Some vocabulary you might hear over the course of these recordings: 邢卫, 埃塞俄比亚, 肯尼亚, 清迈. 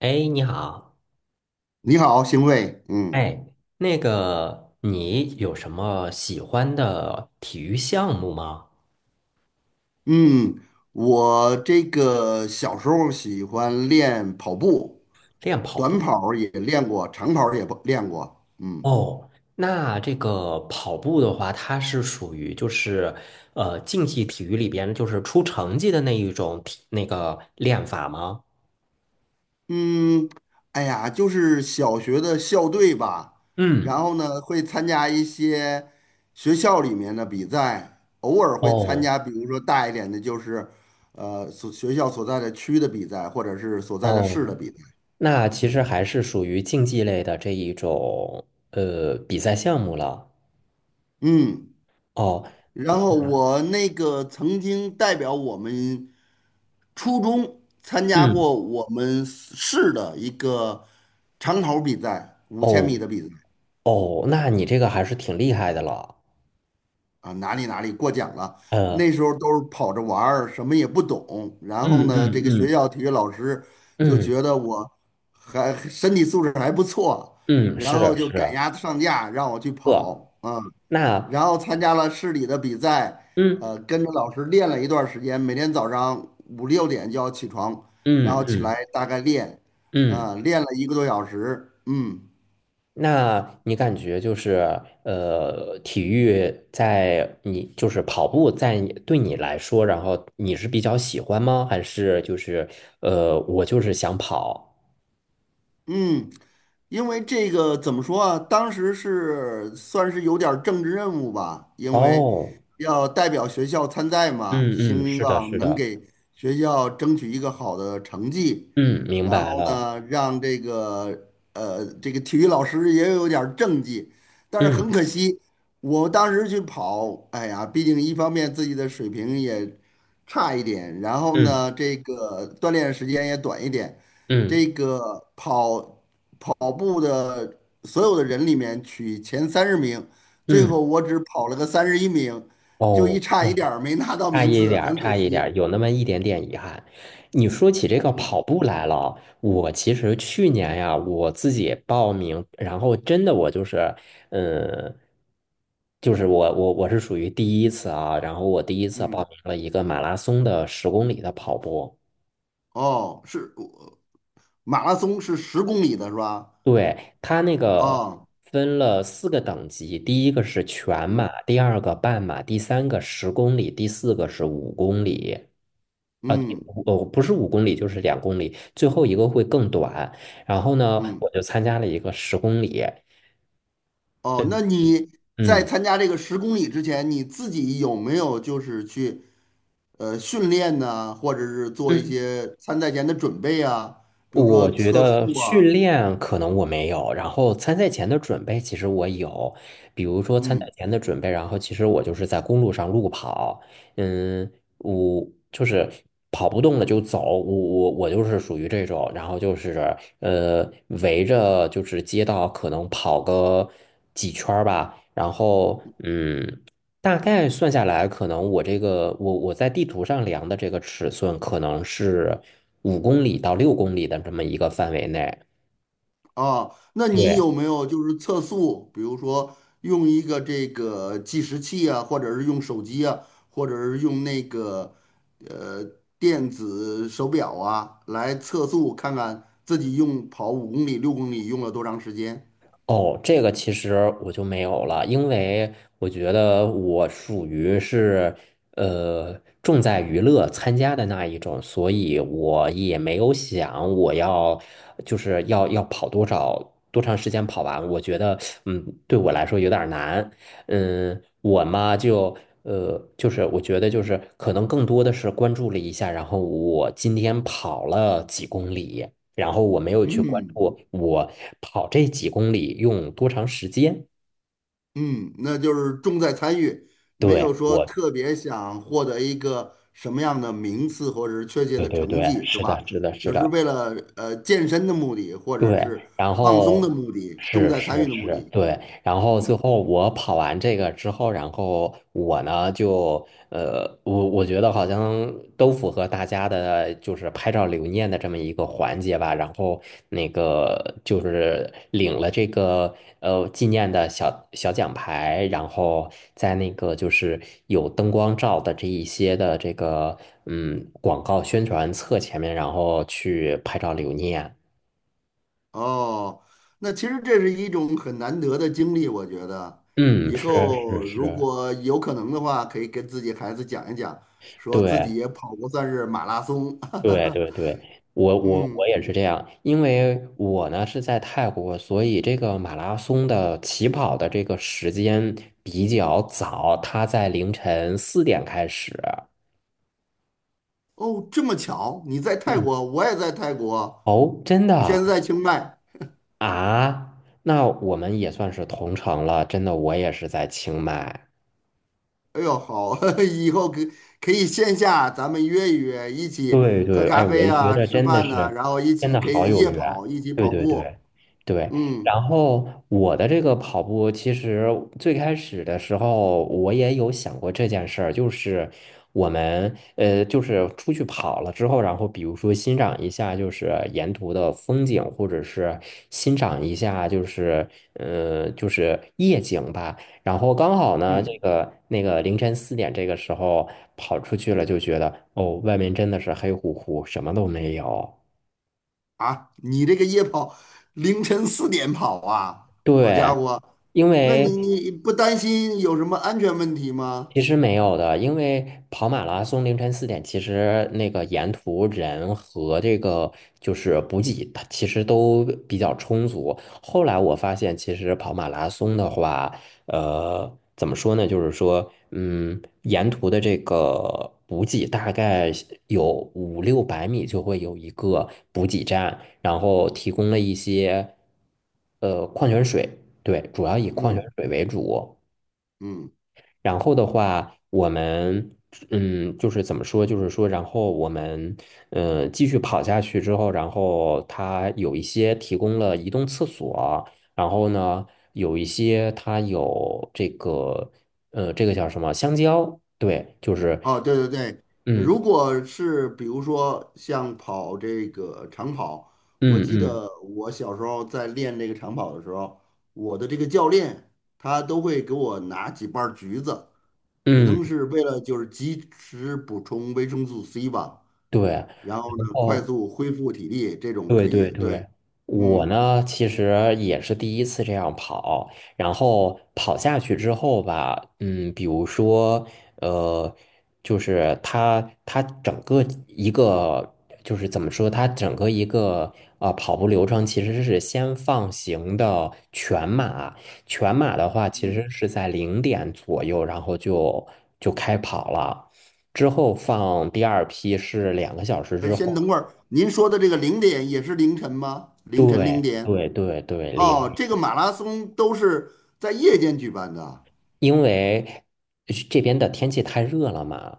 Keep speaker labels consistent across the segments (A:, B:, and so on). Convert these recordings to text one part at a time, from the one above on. A: 哎，你好。
B: 你好，邢卫。嗯
A: 哎，那个，你有什么喜欢的体育项目吗？
B: 嗯，我这个小时候喜欢练跑步，
A: 练跑
B: 短
A: 步。
B: 跑儿也练过，长跑儿也不练过。嗯
A: 哦，那这个跑步的话，它是属于就是竞技体育里边就是出成绩的那一种那个练法吗？
B: 嗯，哎呀，就是小学的校队吧，
A: 嗯。
B: 然后呢会参加一些学校里面的比赛，偶尔会参
A: 哦
B: 加，比如说大一点的，就是学校所在的区的比赛，或者是所在的市的
A: 哦，
B: 比赛。
A: 那其实还是属于竞技类的这一种比赛项目了。
B: 嗯。
A: 哦，
B: 然后我那个曾经代表我们初中参加
A: 嗯，
B: 过我们市的一个长跑比赛，五千
A: 哦
B: 米的比赛
A: 哦，那你这个还是挺厉害的了。
B: 啊，哪里哪里过奖了。
A: 呃，
B: 那时候都是跑着玩儿，什么也不懂。然后
A: 嗯
B: 呢，这
A: 嗯
B: 个学
A: 嗯
B: 校体育老师就
A: 嗯
B: 觉得我还身体素质还不错，
A: 嗯，是
B: 然后就
A: 是，
B: 赶鸭子上架，让我去
A: 呃，
B: 跑啊。
A: 那
B: 然后参加了市里的比赛，
A: 嗯
B: 跟着老师练了一段时间，每天早上五六点就要起床，然后
A: 嗯
B: 起来
A: 嗯
B: 大概练，啊，
A: 嗯，
B: 练了一个多小时，嗯
A: 那你感觉就是体育在你就是跑步在你对你来说，然后你是比较喜欢吗？还是就是我就是想跑？
B: 嗯，因为这个怎么说啊？当时是算是有点儿政治任务吧，因为
A: 哦，
B: 要代表学校参赛嘛，
A: 嗯嗯，
B: 希
A: 是的，
B: 望
A: 是
B: 能
A: 的，
B: 给学校争取一个好的成绩，
A: 嗯，明
B: 然
A: 白
B: 后
A: 了，
B: 呢，让这个这个体育老师也有点儿政绩，但是
A: 嗯
B: 很可惜，我当时去跑，哎呀，毕竟一方面自己的水平也差一点，然后
A: 嗯
B: 呢，这个锻炼时间也短一点。这
A: 嗯
B: 个跑步的所有的人里面取前30名，最
A: 嗯，
B: 后我只跑了个31名，就一
A: 哦。
B: 差一点儿没拿到
A: 差
B: 名
A: 一
B: 次，
A: 点儿，
B: 很可
A: 差一点儿，
B: 惜。
A: 有那么一点点遗憾。你说起这个
B: 嗯
A: 跑步来了，我其实去年呀，我自己报名，然后真的我就是，嗯，我是属于第一次啊，然后我第一次报
B: 嗯，
A: 名了一个马拉松的十公里的跑步。
B: 哦，是马拉松是十公里的是吧？
A: 对，它那个
B: 哦，
A: 分了四个等级，第一个是全
B: 嗯
A: 马，第二个半马，第三个十公里，第四个是五公里。啊，第
B: 嗯
A: 五哦，不是五公里，就是2公里，最后一个会更短。然后呢，
B: 嗯，
A: 我就参加了一个十公里。
B: 哦，那你在
A: 嗯。
B: 参加这个十公里之前，你自己有没有就是去训练呢，或者是做一
A: 嗯
B: 些参赛前的准备啊，比如
A: 我
B: 说
A: 觉
B: 测
A: 得
B: 速
A: 训
B: 啊，
A: 练可能我没有，然后参赛前的准备其实我有，比如说参赛
B: 嗯。
A: 前的准备，然后其实我就是在公路上路跑。嗯，我就是跑不动了就走，我就是属于这种，然后就是围着就是街道可能跑个几圈儿吧，然后嗯。大概算下来，可能我这个我在地图上量的这个尺寸，可能是。5公里到6公里的这么一个范围内。
B: 啊，那你
A: 对，
B: 有没有就是测速，比如说用一个这个计时器啊，或者是用手机啊，或者是用那个呃电子手表啊来测速，看看自己用跑5公里、6公里用了多长时间？
A: 哦，这个其实我就没有了，因为我觉得我属于是呃重在娱乐参加的那一种，所以我也没有想我要就是要跑多少多长时间跑完，我觉得对我来说有点儿难。嗯，我嘛就就是我觉得就是可能更多的是关注了一下，然后我今天跑了几公里。然后我没有去关
B: 嗯
A: 注我跑这几公里用多长时间。
B: 嗯，那就是重在参与，没
A: 对，
B: 有说
A: 我，
B: 特别想获得一个什么样的名次或者是确切
A: 对
B: 的
A: 对
B: 成
A: 对，
B: 绩，是
A: 是
B: 吧？
A: 的，是的，是
B: 就是
A: 的。
B: 为了健身的目的，或者
A: 对。
B: 是
A: 然
B: 放松的
A: 后
B: 目的，重
A: 是
B: 在参
A: 是
B: 与的目
A: 是，
B: 的。
A: 对，然后最
B: 嗯，
A: 后我跑完这个之后，然后我呢就我觉得好像都符合大家的，就是拍照留念的这么一个环节吧。然后那个就是领了这个纪念的小小奖牌，然后在那个就是有灯光照的这一些的这个广告宣传册前面，然后去拍照留念。
B: 哦，那其实这是一种很难得的经历，我觉得
A: 嗯，
B: 以
A: 是
B: 后
A: 是
B: 如
A: 是，
B: 果有可能的话，可以跟自己孩子讲一讲，说自己
A: 对
B: 也跑过算是马拉松。
A: 对 对对，我我
B: 嗯。
A: 我也是这样，因为我呢是在泰国，所以这个马拉松的起跑的这个时间比较早，它在凌晨四点开始。
B: 哦，这么巧，你在泰
A: 嗯，
B: 国，我也在泰国，
A: 哦，真
B: 我
A: 的
B: 现在在清迈。
A: 啊？那我们也算是同城了，真的，我也是在清迈。
B: 哎呦，好，以后可以线下咱们约一约，一起
A: 对
B: 喝
A: 对，哎，
B: 咖
A: 我
B: 啡
A: 就觉
B: 啊，
A: 得
B: 吃
A: 真的
B: 饭呐，
A: 是，
B: 然后一
A: 真
B: 起
A: 的
B: 可
A: 好
B: 以
A: 有
B: 夜
A: 缘。
B: 跑，一起
A: 对
B: 跑
A: 对对
B: 步。
A: 对，
B: 嗯
A: 然后我的这个跑步，其实最开始的时候，我也有想过这件事儿，就是我们就是出去跑了之后，然后比如说欣赏一下就是沿途的风景，或者是欣赏一下就是就是夜景吧。然后刚好呢，这
B: 嗯，
A: 个那个凌晨四点这个时候跑出去了，就觉得哦，外面真的是黑乎乎，什么都没有。
B: 啊，你这个夜跑凌晨4点跑啊，好家
A: 对，
B: 伙，
A: 因
B: 那你
A: 为
B: 你不担心有什么安全问题吗？
A: 其实没有的，因为跑马拉松凌晨四点，其实那个沿途人和这个就是补给，它其实都比较充足。后来我发现，其实跑马拉松的话，呃，怎么说呢？就是说，沿途的这个补给大概有五六百米就会有一个补给站，然后提供了一些矿泉水。对，主要以矿泉
B: 嗯
A: 水为主。
B: 嗯。
A: 然后的话，我们嗯，就是怎么说，就是说，然后我们继续跑下去之后，然后它有一些提供了移动厕所，然后呢，有一些它有这个这个叫什么香蕉？对，就是
B: 哦，对对对，
A: 嗯
B: 如果是比如说像跑这个长跑，我
A: 嗯
B: 记
A: 嗯
B: 得我小时候在练这个长跑的时候，我的这个教练他都会给我拿几瓣儿橘子，可
A: 嗯，
B: 能是为了就是及时补充维生素 C 吧，
A: 对。
B: 然后
A: 然
B: 呢快
A: 后
B: 速恢复体力，这种
A: 对
B: 可
A: 对
B: 以，对，
A: 对，我
B: 嗯
A: 呢其实也是第一次这样跑，然后跑下去之后吧，嗯，比如说，呃，就是它整个一个就是怎么说，它整个一个啊跑步流程其实是先放行的全马，全马的话其
B: 嗯，
A: 实是在零点左右，然后就开跑了。之后放第二批是2个小时
B: 哎，
A: 之
B: 先
A: 后。
B: 等会儿，您说的这个零点也是凌晨吗？凌晨零
A: 对
B: 点？
A: 对对对，零，
B: 哦，这个马拉松都是在夜间举办的啊。
A: 因为这边的天气太热了嘛，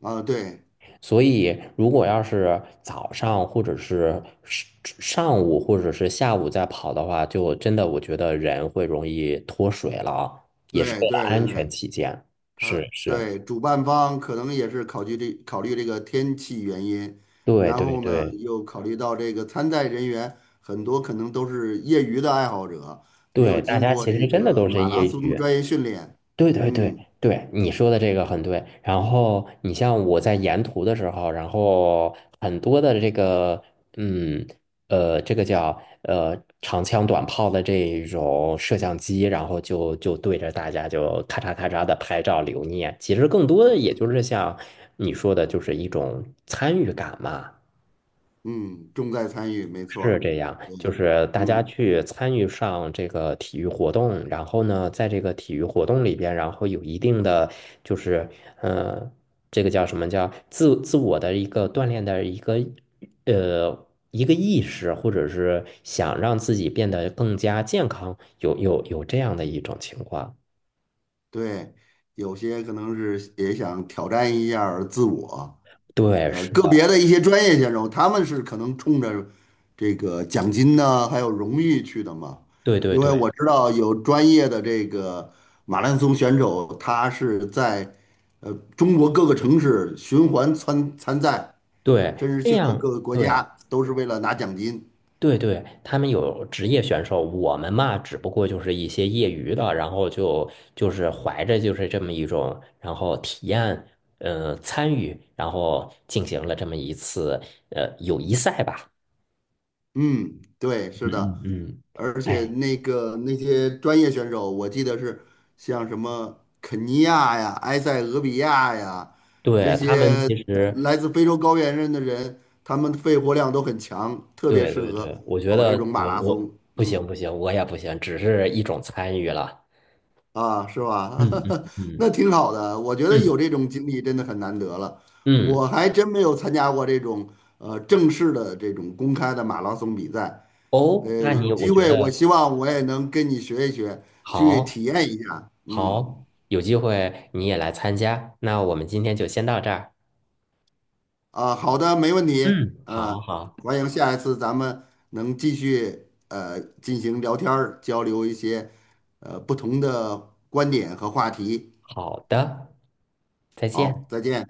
B: 啊，对
A: 所以如果要是早上或者是上午或者是下午再跑的话，就真的我觉得人会容易脱水了，
B: 对对
A: 安
B: 对
A: 全
B: 对，
A: 起见。是
B: 他
A: 是，
B: 对主办方可能也是考虑这个天气原因，
A: 对
B: 然
A: 对
B: 后呢
A: 对
B: 又考虑到这个参赛人员很多可能都是业余的爱好者，没有
A: 对，大
B: 经
A: 家
B: 过
A: 其实
B: 这
A: 真的
B: 个
A: 都是
B: 马拉
A: 业
B: 松的
A: 余。
B: 专业训练，
A: 对对对
B: 嗯
A: 对，你说的这个很对。然后你像我在沿途的时候，然后很多的这个，嗯，这个叫长枪短炮的这种摄像机，然后就对着大家就咔嚓咔嚓的拍照留念。其实更多的也就是像你说的，就是一种参与感嘛。
B: 嗯，重在参与，没错
A: 是
B: 儿，
A: 这样，
B: 对，
A: 就是大家
B: 嗯
A: 去参与上这个体育活动，然后呢，在这个体育活动里边，然后有一定的就是，呃，这个叫什么叫自我的一个锻炼的一个一个意识，或者是想让自己变得更加健康，有这样的一种情况。
B: 对，有些可能是也想挑战一下儿自我，
A: 对，是
B: 个
A: 的，
B: 别的一些专业选手，他们是可能冲着这个奖金呢，还有荣誉去的嘛。
A: 对对
B: 因为
A: 对
B: 我知道有专业的这个马拉松选手，他是在呃中国各个城市循环参赛，
A: 对，
B: 甚至
A: 这
B: 去各
A: 样
B: 个国
A: 对。
B: 家，都是为了拿奖金。
A: 对对，他们有职业选手，我们嘛，只不过就是一些业余的，然后就是怀着就是这么一种，然后体验，参与，然后进行了这么一次友谊赛吧。
B: 嗯，对，是的，
A: 嗯嗯嗯，
B: 而且
A: 哎，
B: 那些专业选手，我记得是像什么肯尼亚呀、埃塞俄比亚呀这
A: 对，他们
B: 些
A: 其实，
B: 来自非洲高原上的人，他们肺活量都很强，特别
A: 对
B: 适
A: 对
B: 合
A: 对，我觉
B: 跑这种
A: 得
B: 马
A: 我
B: 拉松。
A: 我不行
B: 嗯，
A: 不行，我也不行，只是一种参与了。
B: 啊，是吧？
A: 嗯嗯
B: 那
A: 嗯
B: 挺好的，我觉得
A: 嗯
B: 有这种经历真的很难得了。
A: 嗯，
B: 我还真没有参加过这种正式的这种公开的马拉松比赛。
A: 哦，那你
B: 有
A: 我
B: 机
A: 觉
B: 会，我
A: 得
B: 希望我也能跟你学一学，去
A: 好。
B: 体验一下。嗯，
A: 好，有机会你也来参加。那我们今天就先到这儿。
B: 啊，好的，没问题。
A: 嗯，
B: 啊，
A: 好好
B: 欢迎下一次咱们能继续进行聊天儿，交流一些不同的观点和话题。
A: 好的，再见。
B: 好，再见。